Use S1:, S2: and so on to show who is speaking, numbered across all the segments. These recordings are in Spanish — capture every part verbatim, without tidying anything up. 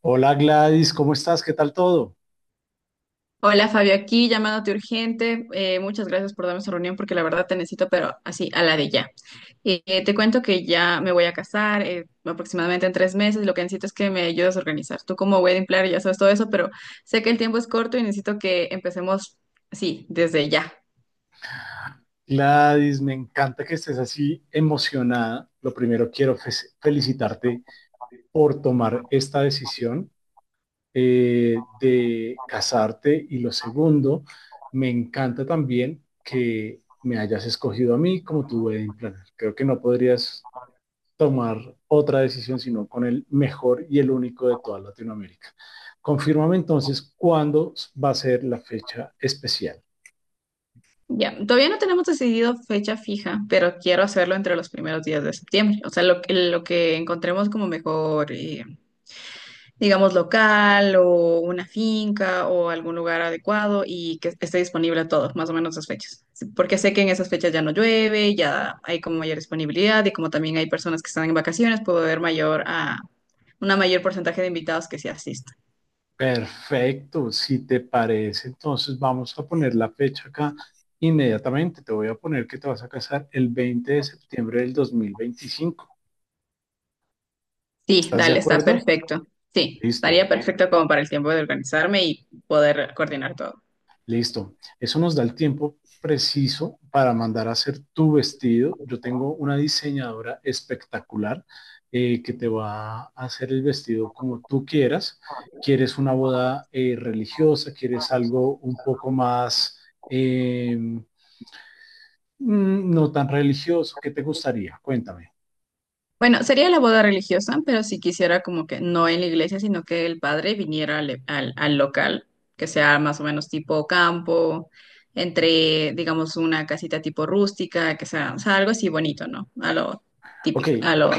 S1: Hola Gladys, ¿cómo estás? ¿Qué tal todo?
S2: Hola Fabio, aquí llamándote urgente. Eh, muchas gracias por darme esa reunión porque la verdad te necesito, pero así, a la de ya. Eh, te cuento que ya me voy a casar eh, aproximadamente en tres meses. Lo que necesito es que me ayudes a organizar. Tú como wedding planner ya sabes todo eso, pero sé que el tiempo es corto y necesito que empecemos, sí, desde ya.
S1: Gladys, me encanta que estés así emocionada. Lo primero quiero fe- felicitarte por tomar esta decisión eh, de casarte, y lo segundo, me encanta también que me hayas escogido a mí como tu wedding planner. Creo que no podrías tomar otra decisión sino con el mejor y el único de toda Latinoamérica. Confírmame entonces cuándo va a ser la fecha especial.
S2: Ya, todavía no tenemos decidido fecha fija, pero quiero hacerlo entre los primeros días de septiembre. O sea, lo, que- lo que encontremos como mejor, eh, digamos, local o una finca o algún lugar adecuado y que esté disponible todo, más o menos esas fechas. Sí, porque sé que en esas fechas ya no llueve, ya hay como mayor disponibilidad y como también hay personas que están en vacaciones, puedo ver mayor a una mayor porcentaje de invitados que sí asistan.
S1: Perfecto, si te parece, entonces vamos a poner la fecha acá inmediatamente. Te voy a poner que te vas a casar el veinte de septiembre del dos mil veinticinco.
S2: Sí,
S1: ¿Estás de
S2: dale, está
S1: acuerdo?
S2: perfecto. Sí, estaría
S1: Listo,
S2: perfecto como para el tiempo de organizarme y poder coordinar todo.
S1: listo. Eso nos da el tiempo preciso para mandar a hacer tu vestido. Yo tengo una diseñadora espectacular eh, que te va a hacer el vestido como tú quieras. ¿Quieres una boda eh, religiosa? ¿Quieres algo un poco más... em, no tan religioso? ¿Qué te gustaría? Cuéntame.
S2: Bueno, sería la boda religiosa, pero si quisiera como que no en la iglesia, sino que el padre viniera al, al- al local, que sea más o menos tipo campo, entre, digamos, una casita tipo rústica, que sea, o sea, algo así bonito, ¿no? A lo
S1: Ok,
S2: típico, a lo...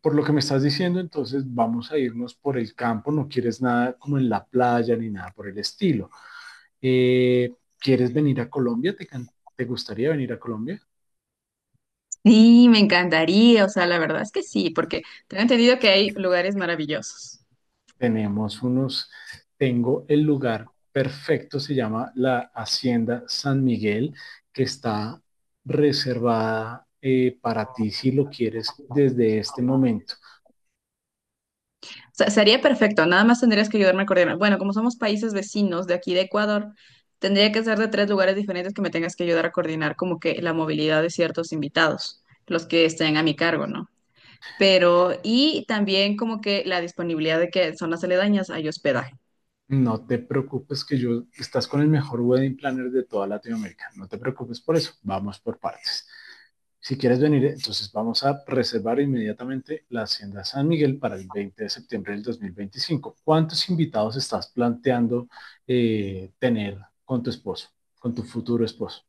S1: por lo que me estás diciendo, entonces vamos a irnos por el campo. No quieres nada como en la playa ni nada por el estilo. Eh, ¿quieres venir a Colombia? ¿Te, can- te gustaría venir a Colombia?
S2: Sí, me encantaría, o sea, la verdad es que sí, porque tengo entendido que hay lugares maravillosos.
S1: Tenemos unos, tengo el lugar perfecto, se llama la Hacienda San Miguel, que está reservada eh, para ti si lo quieres desde este momento.
S2: Se- Sería perfecto, nada más tendrías que ayudarme a coordinar. Bueno, como somos países vecinos de aquí de Ecuador, tendría que ser de tres lugares diferentes que me tengas que ayudar a coordinar como que la movilidad de ciertos invitados, los que estén a mi cargo, ¿no? Pero, y también como que la disponibilidad de que zonas aledañas hay hospedaje.
S1: No te preocupes, que yo estás con el mejor wedding planner de toda Latinoamérica. No te preocupes por eso. Vamos por partes. Si quieres venir, entonces vamos a reservar inmediatamente la Hacienda San Miguel para el veinte de septiembre del dos mil veinticinco. ¿Cuántos invitados estás planteando eh, tener con tu esposo, con tu futuro esposo?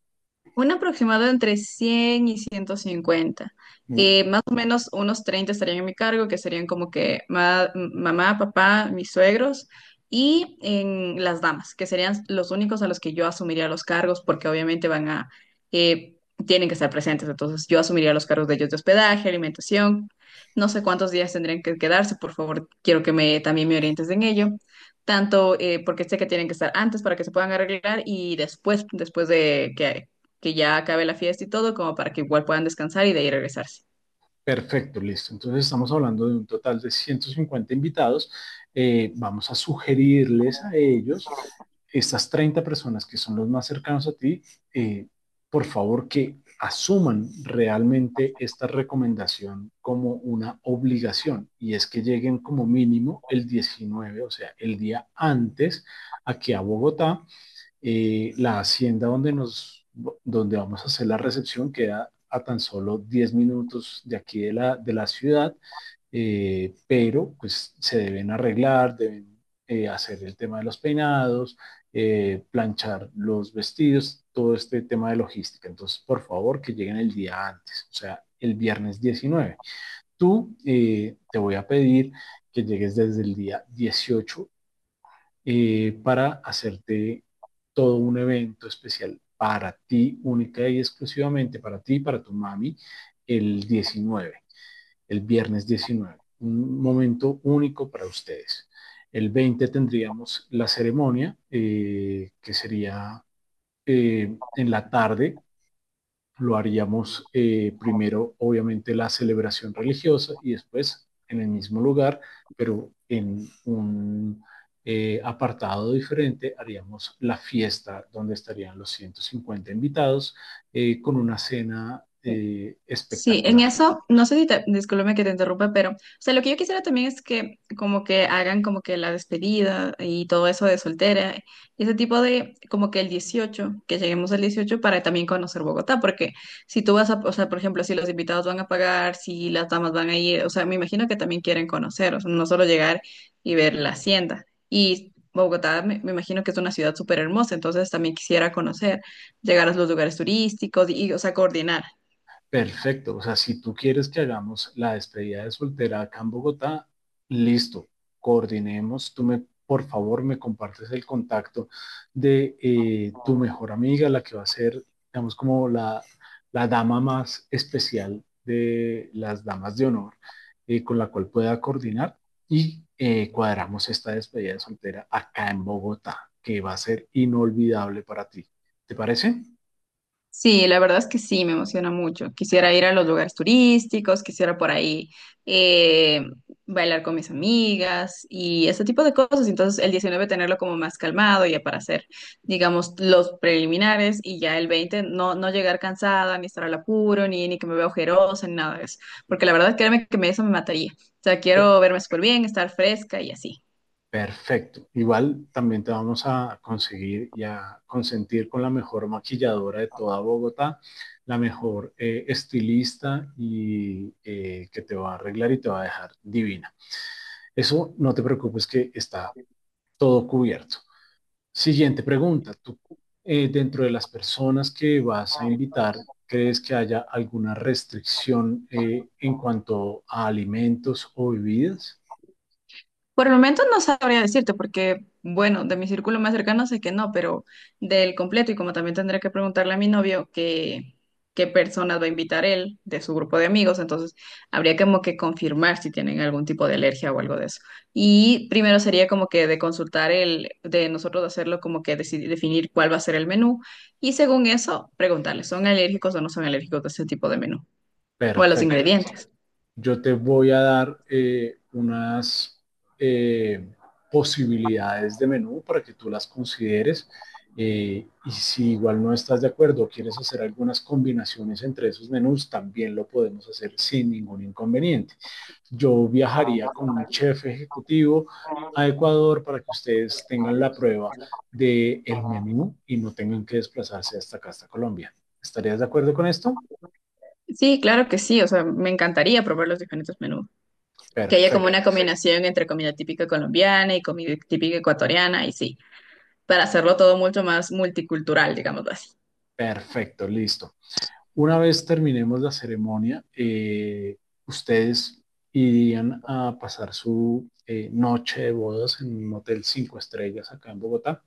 S2: Un aproximado entre cien y ciento cincuenta.
S1: Uh,
S2: Eh, más o menos unos treinta estarían en mi cargo, que serían como que ma- mamá, papá, mis suegros y en las damas, que serían los únicos a los que yo asumiría los cargos, porque obviamente van a, eh, tienen que estar presentes. Entonces yo asumiría los cargos de ellos de hospedaje, alimentación. No sé cuántos días tendrían que quedarse, por favor, quiero que me, también me orientes en ello tanto eh, porque sé que tienen que estar antes para que se puedan arreglar y después, después de que, que ya acabe la fiesta y todo, como para que igual puedan descansar y de ahí regresarse.
S1: Perfecto, listo. Entonces estamos hablando de un total de ciento cincuenta invitados. Eh, vamos a sugerirles a ellos, estas treinta personas que son los más cercanos a ti, eh, por favor, que asuman realmente esta recomendación como una obligación, y es que lleguen como mínimo el diecinueve, o sea, el día antes aquí a Bogotá. Eh, la hacienda donde, nos, donde vamos a hacer la recepción queda a tan solo diez minutos de aquí de la, de la ciudad. Eh, pero pues se deben arreglar, deben eh, hacer el tema de los peinados, eh, planchar los vestidos, todo este tema de logística. Entonces, por favor, que lleguen el día antes, o sea, el viernes diecinueve. Tú, eh, te voy a pedir que llegues desde el día dieciocho, eh, para hacerte todo un evento especial para ti, única y exclusivamente para ti y para tu mami, el diecinueve el viernes diecinueve, un momento único para ustedes. El veinte tendríamos la ceremonia, eh, que sería eh, en la tarde. Lo haríamos, eh, primero, obviamente, la celebración religiosa, y después en el mismo lugar, pero en un eh, apartado diferente, haríamos la fiesta donde estarían los ciento cincuenta invitados, eh, con una cena eh,
S2: Sí, en
S1: espectacular.
S2: eso, no sé si te, discúlpame que te interrumpa, pero, o sea, lo que yo quisiera también es que como que hagan como que la despedida y todo eso de soltera y ese tipo de, como que el dieciocho, que lleguemos al dieciocho para también conocer Bogotá, porque si tú vas a, o sea, por ejemplo, si los invitados van a pagar, si las damas van a ir, o sea, me imagino que también quieren conocer, o sea, no solo llegar y ver la hacienda. Y Bogotá, me, me imagino que es una ciudad súper hermosa, entonces también quisiera conocer, llegar a los lugares turísticos y, y, o sea, coordinar.
S1: Perfecto, o sea, si tú quieres que hagamos la despedida de soltera acá en Bogotá, listo, coordinemos. Tú, me, por favor, me compartes el contacto de eh, tu mejor amiga, la que va a ser, digamos, como la, la dama más especial de las damas de honor, eh, con la cual pueda coordinar y eh, cuadramos esta despedida de soltera acá en Bogotá, que va a ser inolvidable para ti. ¿Te parece?
S2: Sí, la verdad es que sí, me emociona mucho. Quisiera ir a los lugares turísticos, quisiera por ahí eh, bailar con mis amigas y ese tipo de cosas. Entonces, el diecinueve tenerlo como más calmado ya para hacer, digamos, los preliminares y ya el veinte no, no llegar cansada, ni estar al apuro, ni, ni que me vea ojerosa, ni nada de eso. Porque la verdad, créeme que me, eso me mataría. O sea, quiero verme súper bien, estar fresca y así.
S1: Perfecto. Igual también te vamos a conseguir y a consentir con la mejor maquilladora de toda Bogotá, la mejor eh, estilista, y eh, que te va a arreglar y te va a dejar divina. Eso no te preocupes, que está todo cubierto. Siguiente pregunta. Tú, eh, dentro de las personas que vas a invitar, ¿crees que haya alguna restricción eh, en cuanto a alimentos o bebidas?
S2: Por el momento no sabría decirte porque, bueno, de mi círculo más cercano sé que no, pero del completo y como también tendría que preguntarle a mi novio que, qué personas va a invitar él de su grupo de amigos, entonces habría como que confirmar si tienen algún tipo de alergia o algo de eso. Y primero sería como que de consultar el, de nosotros hacerlo como que decidir, definir cuál va a ser el menú y según eso preguntarle, ¿son alérgicos o no son alérgicos a ese tipo de menú o a los
S1: Perfecto.
S2: ingredientes?
S1: Yo te voy a dar, eh, unas eh, posibilidades de menú para que tú las consideres, eh, y si igual no estás de acuerdo o quieres hacer algunas combinaciones entre esos menús, también lo podemos hacer sin ningún inconveniente. Yo viajaría con un chef ejecutivo a Ecuador para que ustedes tengan la prueba del el menú y no tengan que desplazarse hasta acá, hasta Colombia. ¿Estarías de acuerdo con esto?
S2: Sí, claro que sí, o sea, me encantaría probar los diferentes menús. Que haya como una
S1: Perfecto,
S2: combinación entre comida típica colombiana y comida típica ecuatoriana, y sí, para hacerlo todo mucho más multicultural, digámoslo así.
S1: perfecto, listo. Una vez terminemos la ceremonia, eh, ustedes irían a pasar su eh, noche de bodas en un hotel cinco estrellas acá en Bogotá,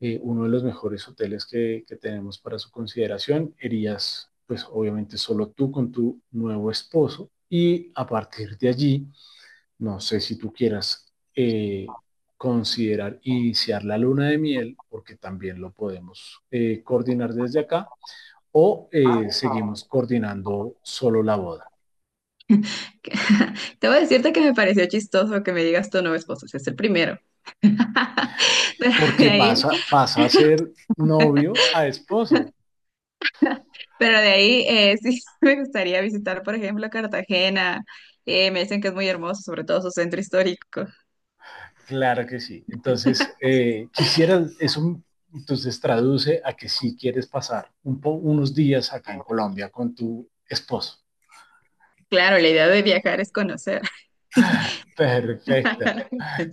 S1: eh, uno de los mejores hoteles que, que tenemos para su consideración. Irías, pues obviamente, solo tú con tu nuevo esposo, y a partir de allí, no sé si tú quieras eh, considerar iniciar la luna de miel, porque también lo podemos eh, coordinar desde acá, o eh, seguimos coordinando solo la boda.
S2: Te voy a decirte que me pareció chistoso que me digas tu nuevo esposo, si es el primero. Pero de
S1: Porque
S2: ahí,
S1: pasa, pasa a ser novio a esposo.
S2: pero de ahí eh, sí me gustaría visitar, por ejemplo, Cartagena. Eh, me dicen que es muy hermoso, sobre todo su centro histórico.
S1: Claro que sí. Entonces, eh, quisiera, eso entonces traduce a que sí quieres pasar un po, unos días acá en Colombia con tu esposo.
S2: Claro, la idea de viajar es conocer.
S1: Perfecto.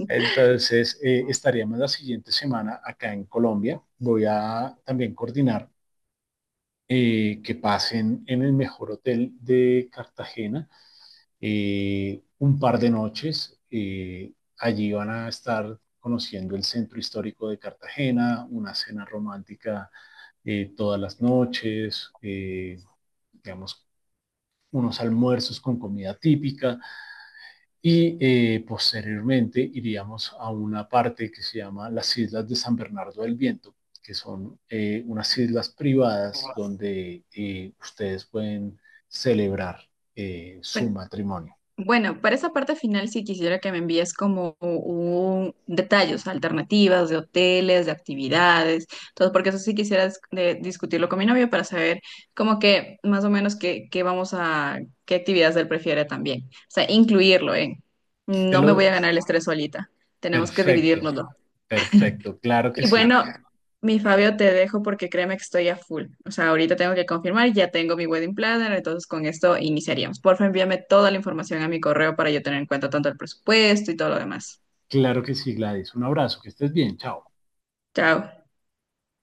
S1: Entonces, eh, estaríamos la siguiente semana acá en Colombia. Voy a también coordinar eh, que pasen en el mejor hotel de Cartagena eh, un par de noches. Eh, allí van a estar conociendo el centro histórico de Cartagena, una cena romántica eh, todas las noches, eh, digamos, unos almuerzos con comida típica, y eh, posteriormente iríamos a una parte que se llama las Islas de San Bernardo del Viento, que son eh, unas islas privadas donde eh, ustedes pueden celebrar eh, su
S2: Bueno,
S1: matrimonio.
S2: Bueno, para esa parte final sí quisiera que me envíes como un detalles, alternativas de hoteles, de actividades, todo, porque eso sí quisiera dis- de- discutirlo con mi novio para saber como que más o menos qué, qué vamos a, qué actividades él prefiere también. O sea, incluirlo en,
S1: Te
S2: no me voy a
S1: lo
S2: ganar el estrés solita, tenemos que
S1: Perfecto,
S2: dividirnoslo.
S1: perfecto. Claro que
S2: Y
S1: sí.
S2: bueno, mi Fabio, te dejo porque créeme que estoy a full. O sea, ahorita tengo que confirmar, ya tengo mi wedding planner, entonces con esto iniciaríamos. Porfa, envíame toda la información a mi correo para yo tener en cuenta tanto el presupuesto y todo lo demás.
S1: Claro que sí, Gladys. Un abrazo, que estés bien. Chao.
S2: Chao.